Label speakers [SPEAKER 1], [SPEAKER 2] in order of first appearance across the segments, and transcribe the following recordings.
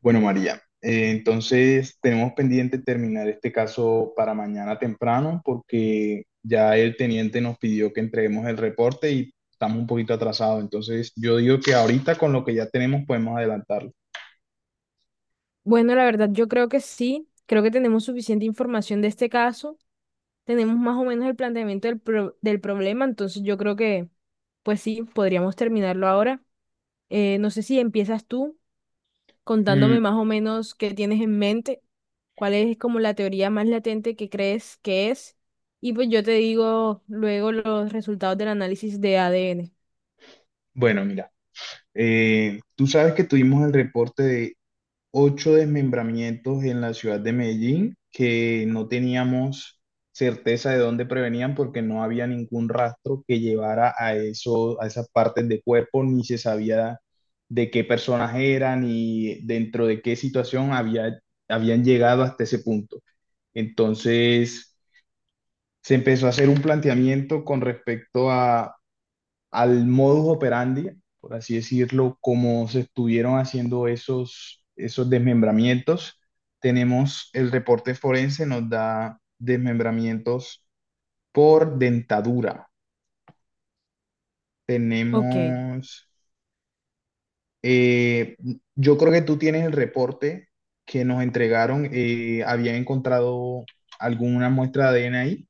[SPEAKER 1] Bueno, María, entonces tenemos pendiente terminar este caso para mañana temprano porque ya el teniente nos pidió que entreguemos el reporte y estamos un poquito atrasados. Entonces yo digo que ahorita con lo que ya tenemos podemos adelantarlo.
[SPEAKER 2] Bueno, la verdad, yo creo que sí. Creo que tenemos suficiente información de este caso. Tenemos más o menos el planteamiento del problema. Entonces, yo creo que, pues sí, podríamos terminarlo ahora. No sé si empiezas tú contándome
[SPEAKER 1] Mm,
[SPEAKER 2] más o menos qué tienes en mente, cuál es como la teoría más latente que crees que es. Y pues yo te digo luego los resultados del análisis de ADN.
[SPEAKER 1] bueno, mira, tú sabes que tuvimos el reporte 8 desmembramientos en la ciudad de Medellín que no teníamos certeza de dónde provenían porque no había ningún rastro que llevara a eso, a esas partes de cuerpo, ni se sabía de qué personas eran ni dentro de qué situación había, habían llegado hasta ese punto. Entonces, se empezó a hacer un planteamiento con respecto a al modus operandi, por así decirlo, como se estuvieron haciendo esos desmembramientos. Tenemos el reporte forense, nos da desmembramientos por dentadura.
[SPEAKER 2] Ok.
[SPEAKER 1] Tenemos, eh, yo creo que tú tienes el reporte que nos entregaron, habían encontrado alguna muestra de ADN ahí.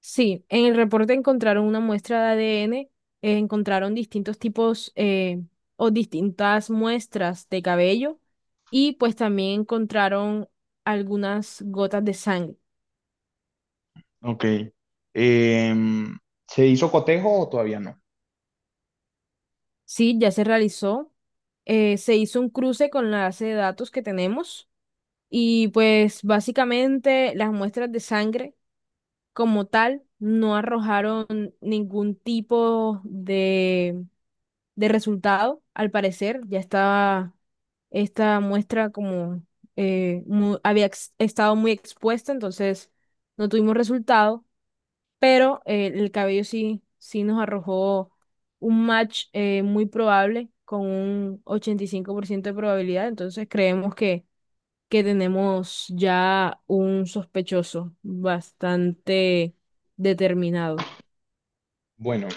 [SPEAKER 2] Sí, en el reporte encontraron una muestra de ADN, encontraron distintos tipos o distintas muestras de cabello y pues también encontraron algunas gotas de sangre.
[SPEAKER 1] Ok. Em, ¿Se hizo cotejo o todavía no?
[SPEAKER 2] Sí, ya se realizó, se hizo un cruce con la base de datos que tenemos y pues básicamente las muestras de sangre como tal no arrojaron ningún tipo de resultado, al parecer, ya estaba esta muestra como estado muy expuesta, entonces no tuvimos resultado, pero el cabello sí nos arrojó un match muy probable con un 85% de probabilidad, entonces creemos que tenemos ya un sospechoso bastante determinado.
[SPEAKER 1] Bueno,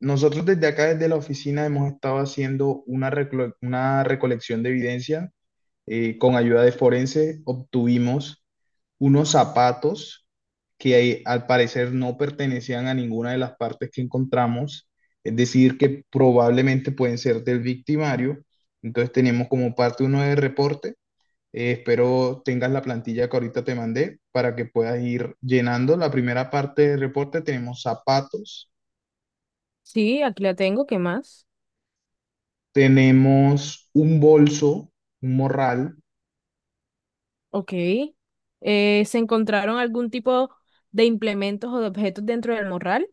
[SPEAKER 1] nosotros desde acá, desde la oficina, hemos estado haciendo una recolección de evidencia. Con ayuda de forense obtuvimos unos zapatos que al parecer no pertenecían a ninguna de las partes que encontramos, es decir, que probablemente pueden ser del victimario. Entonces tenemos como parte uno de reporte. Espero tengas la plantilla que ahorita te mandé para que puedas ir llenando. La primera parte del reporte tenemos zapatos.
[SPEAKER 2] Sí, aquí la tengo, ¿qué más?
[SPEAKER 1] Tenemos un bolso, un morral,
[SPEAKER 2] Ok. ¿Se encontraron algún tipo de implementos o de objetos dentro del morral?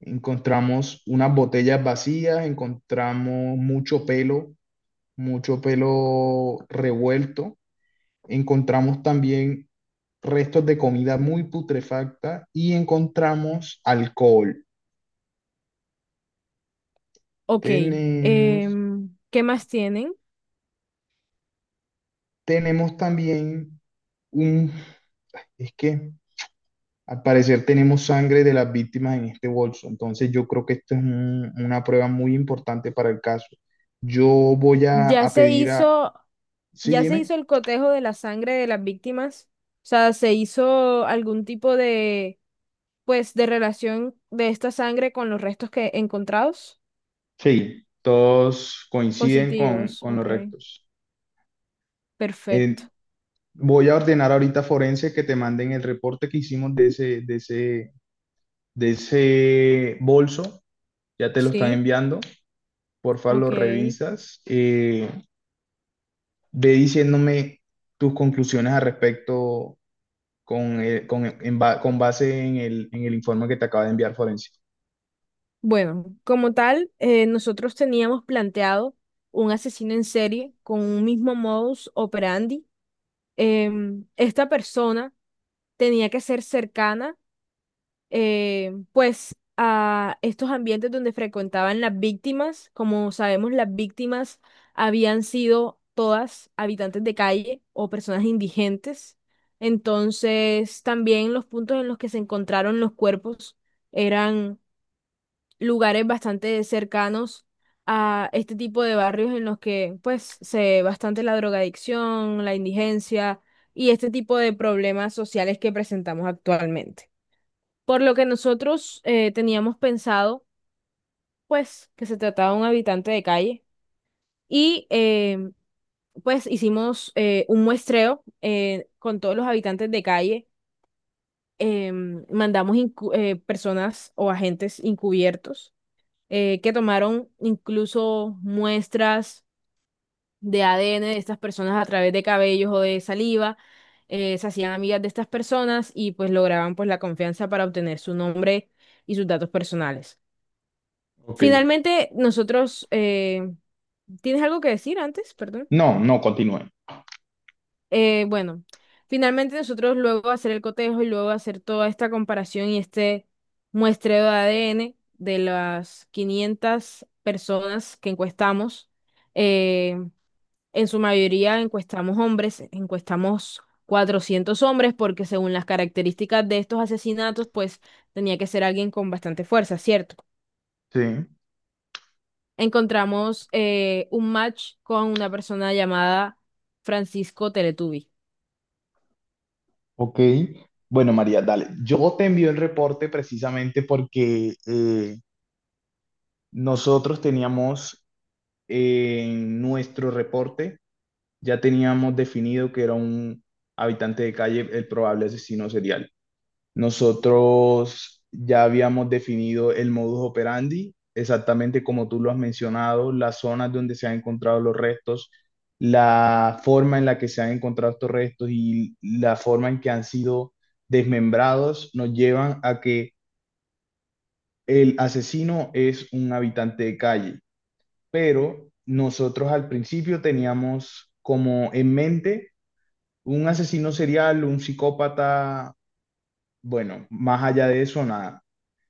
[SPEAKER 1] encontramos unas botellas vacías, encontramos mucho pelo revuelto, encontramos también restos de comida muy putrefacta y encontramos alcohol.
[SPEAKER 2] Ok.
[SPEAKER 1] Tenemos,
[SPEAKER 2] Em, ¿qué más tienen?
[SPEAKER 1] tenemos también un, es que Al parecer tenemos sangre de las víctimas en este bolso, entonces yo creo que esto es una prueba muy importante para el caso. Yo voy
[SPEAKER 2] Ya
[SPEAKER 1] a
[SPEAKER 2] se
[SPEAKER 1] pedir a...
[SPEAKER 2] hizo,
[SPEAKER 1] Sí,
[SPEAKER 2] ya se
[SPEAKER 1] dime.
[SPEAKER 2] hizo el cotejo de la sangre de las víctimas. O sea, se hizo algún tipo de, pues, de relación de esta sangre con los restos que encontrados.
[SPEAKER 1] Sí, todos coinciden
[SPEAKER 2] Positivos,
[SPEAKER 1] con
[SPEAKER 2] ok.
[SPEAKER 1] los restos. Eh,
[SPEAKER 2] Perfecto.
[SPEAKER 1] Voy a ordenar ahorita a Forense que te manden el reporte que hicimos de ese bolso. Ya te lo están
[SPEAKER 2] Sí,
[SPEAKER 1] enviando. Porfa, lo
[SPEAKER 2] ok.
[SPEAKER 1] revisas. Ve diciéndome tus conclusiones al respecto con base en en el informe que te acaba de enviar Forense.
[SPEAKER 2] Bueno, como tal, nosotros teníamos planteado un asesino en serie con un mismo modus operandi. Esta persona tenía que ser cercana, pues, a estos ambientes donde frecuentaban las víctimas. Como sabemos, las víctimas habían sido todas habitantes de calle o personas indigentes. Entonces, también los puntos en los que se encontraron los cuerpos eran lugares bastante cercanos a este tipo de barrios en los que pues se ve bastante la drogadicción, la indigencia y este tipo de problemas sociales que presentamos actualmente. Por lo que nosotros teníamos pensado pues que se trataba de un habitante de calle y pues hicimos un muestreo con todos los habitantes de calle. Mandamos personas o agentes encubiertos que tomaron incluso muestras de ADN de estas personas a través de cabellos o de saliva. Se hacían amigas de estas personas y pues lograban pues la confianza para obtener su nombre y sus datos personales.
[SPEAKER 1] Ok.
[SPEAKER 2] Finalmente, ¿tienes algo que decir antes? Perdón.
[SPEAKER 1] No, no, continúe.
[SPEAKER 2] Eh, bueno, Finalmente nosotros luego de hacer el cotejo y luego de hacer toda esta comparación y este muestreo de ADN de las 500 personas que encuestamos, eh, en su mayoría encuestamos hombres, encuestamos 400 hombres porque según las características de estos asesinatos, pues tenía que ser alguien con bastante fuerza, ¿cierto?
[SPEAKER 1] Sí,
[SPEAKER 2] Encontramos un match con una persona llamada Francisco Teletubi.
[SPEAKER 1] ok. Bueno, María, dale. Yo te envío el reporte precisamente porque nosotros teníamos en nuestro reporte, ya teníamos definido que era un habitante de calle el probable asesino serial. Nosotros ya habíamos definido el modus operandi, exactamente como tú lo has mencionado, las zonas donde se han encontrado los restos, la forma en la que se han encontrado estos restos y la forma en que han sido desmembrados nos llevan a que el asesino es un habitante de calle. Pero nosotros al principio teníamos como en mente un asesino serial, un psicópata, bueno, más allá de eso, nada.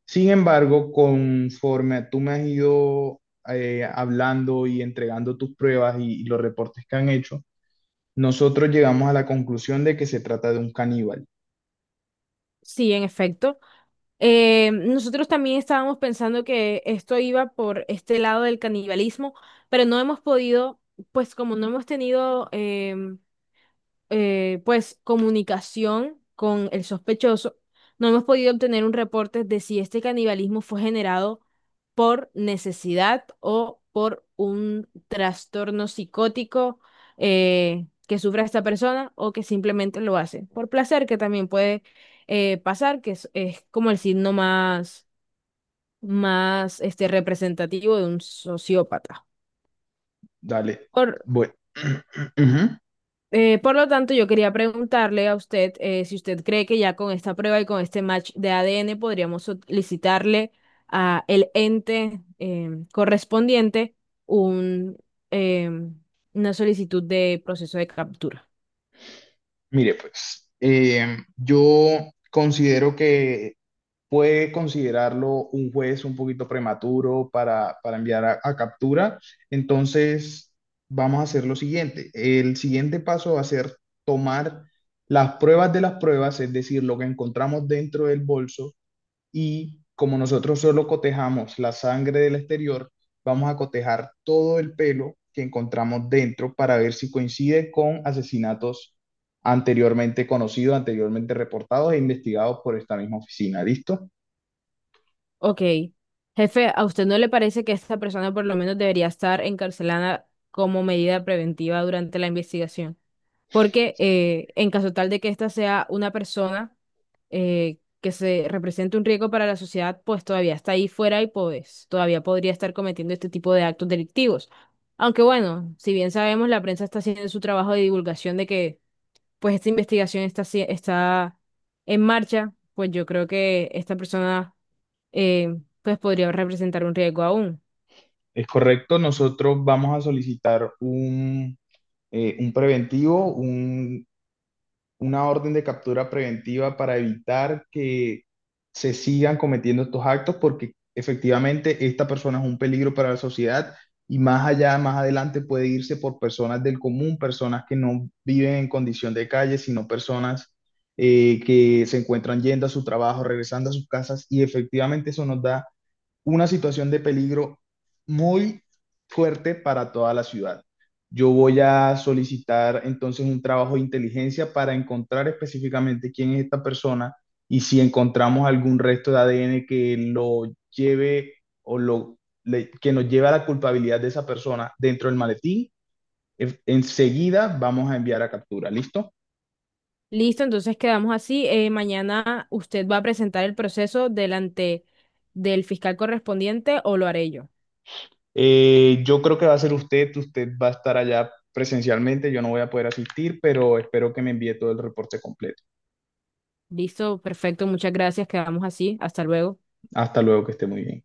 [SPEAKER 1] Sin embargo, conforme tú me has ido hablando y entregando tus pruebas y los reportes que han hecho, nosotros llegamos a la conclusión de que se trata de un caníbal.
[SPEAKER 2] Sí, en efecto. Nosotros también estábamos pensando que esto iba por este lado del canibalismo, pero no hemos podido, pues como no hemos tenido pues comunicación con el sospechoso, no hemos podido obtener un reporte de si este canibalismo fue generado por necesidad o por un trastorno psicótico que sufra esta persona o que simplemente lo hace por placer, que también puede pasar, es como el signo más, más este, representativo de un sociópata.
[SPEAKER 1] Dale.
[SPEAKER 2] Por
[SPEAKER 1] Bueno, ujú.
[SPEAKER 2] por lo tanto, yo quería preguntarle a usted si usted cree que ya con esta prueba y con este match de ADN podríamos solicitarle a el ente correspondiente un, em, una solicitud de proceso de captura.
[SPEAKER 1] Mire, pues yo considero que puede considerarlo un juez un poquito prematuro para enviar a captura. Entonces, vamos a hacer lo siguiente. El siguiente paso va a ser tomar las pruebas de las pruebas, es decir, lo que encontramos dentro del bolso y como nosotros solo cotejamos la sangre del exterior, vamos a cotejar todo el pelo que encontramos dentro para ver si coincide con asesinatos anteriormente conocidos, anteriormente reportados e investigados por esta misma oficina. ¿Listo?
[SPEAKER 2] Ok. Jefe, ¿a usted no le parece que esta persona por lo menos debería estar encarcelada como medida preventiva durante la investigación? Porque en caso tal de que ésta sea una persona que se represente un riesgo para la sociedad, pues todavía está ahí fuera y pues todavía podría estar cometiendo este tipo de actos delictivos. Aunque bueno, si bien sabemos, la prensa está haciendo su trabajo de divulgación de que pues esta investigación está en marcha, pues yo creo que esta persona pues podría representar un riesgo aún.
[SPEAKER 1] Es correcto, nosotros vamos a solicitar un preventivo, un una orden de captura preventiva para evitar que se sigan cometiendo estos actos porque efectivamente esta persona es un peligro para la sociedad y más allá, más adelante puede irse por personas del común, personas que no viven en condición de calle, sino personas que se encuentran yendo a su trabajo, regresando a sus casas y efectivamente eso nos da una situación de peligro muy fuerte para toda la ciudad. Yo voy a solicitar entonces un trabajo de inteligencia para encontrar específicamente quién es esta persona y si encontramos algún resto de ADN que lo lleve o lo, que nos lleve a la culpabilidad de esa persona dentro del maletín, enseguida vamos a enviar a captura, ¿listo?
[SPEAKER 2] Listo, entonces quedamos así. Mañana usted va a presentar el proceso delante del fiscal correspondiente o lo haré yo.
[SPEAKER 1] Yo creo que va a ser usted, usted va a estar allá presencialmente, yo no voy a poder asistir, pero espero que me envíe todo el reporte completo.
[SPEAKER 2] Listo, perfecto, muchas gracias, quedamos así. Hasta luego.
[SPEAKER 1] Hasta luego, que esté muy bien.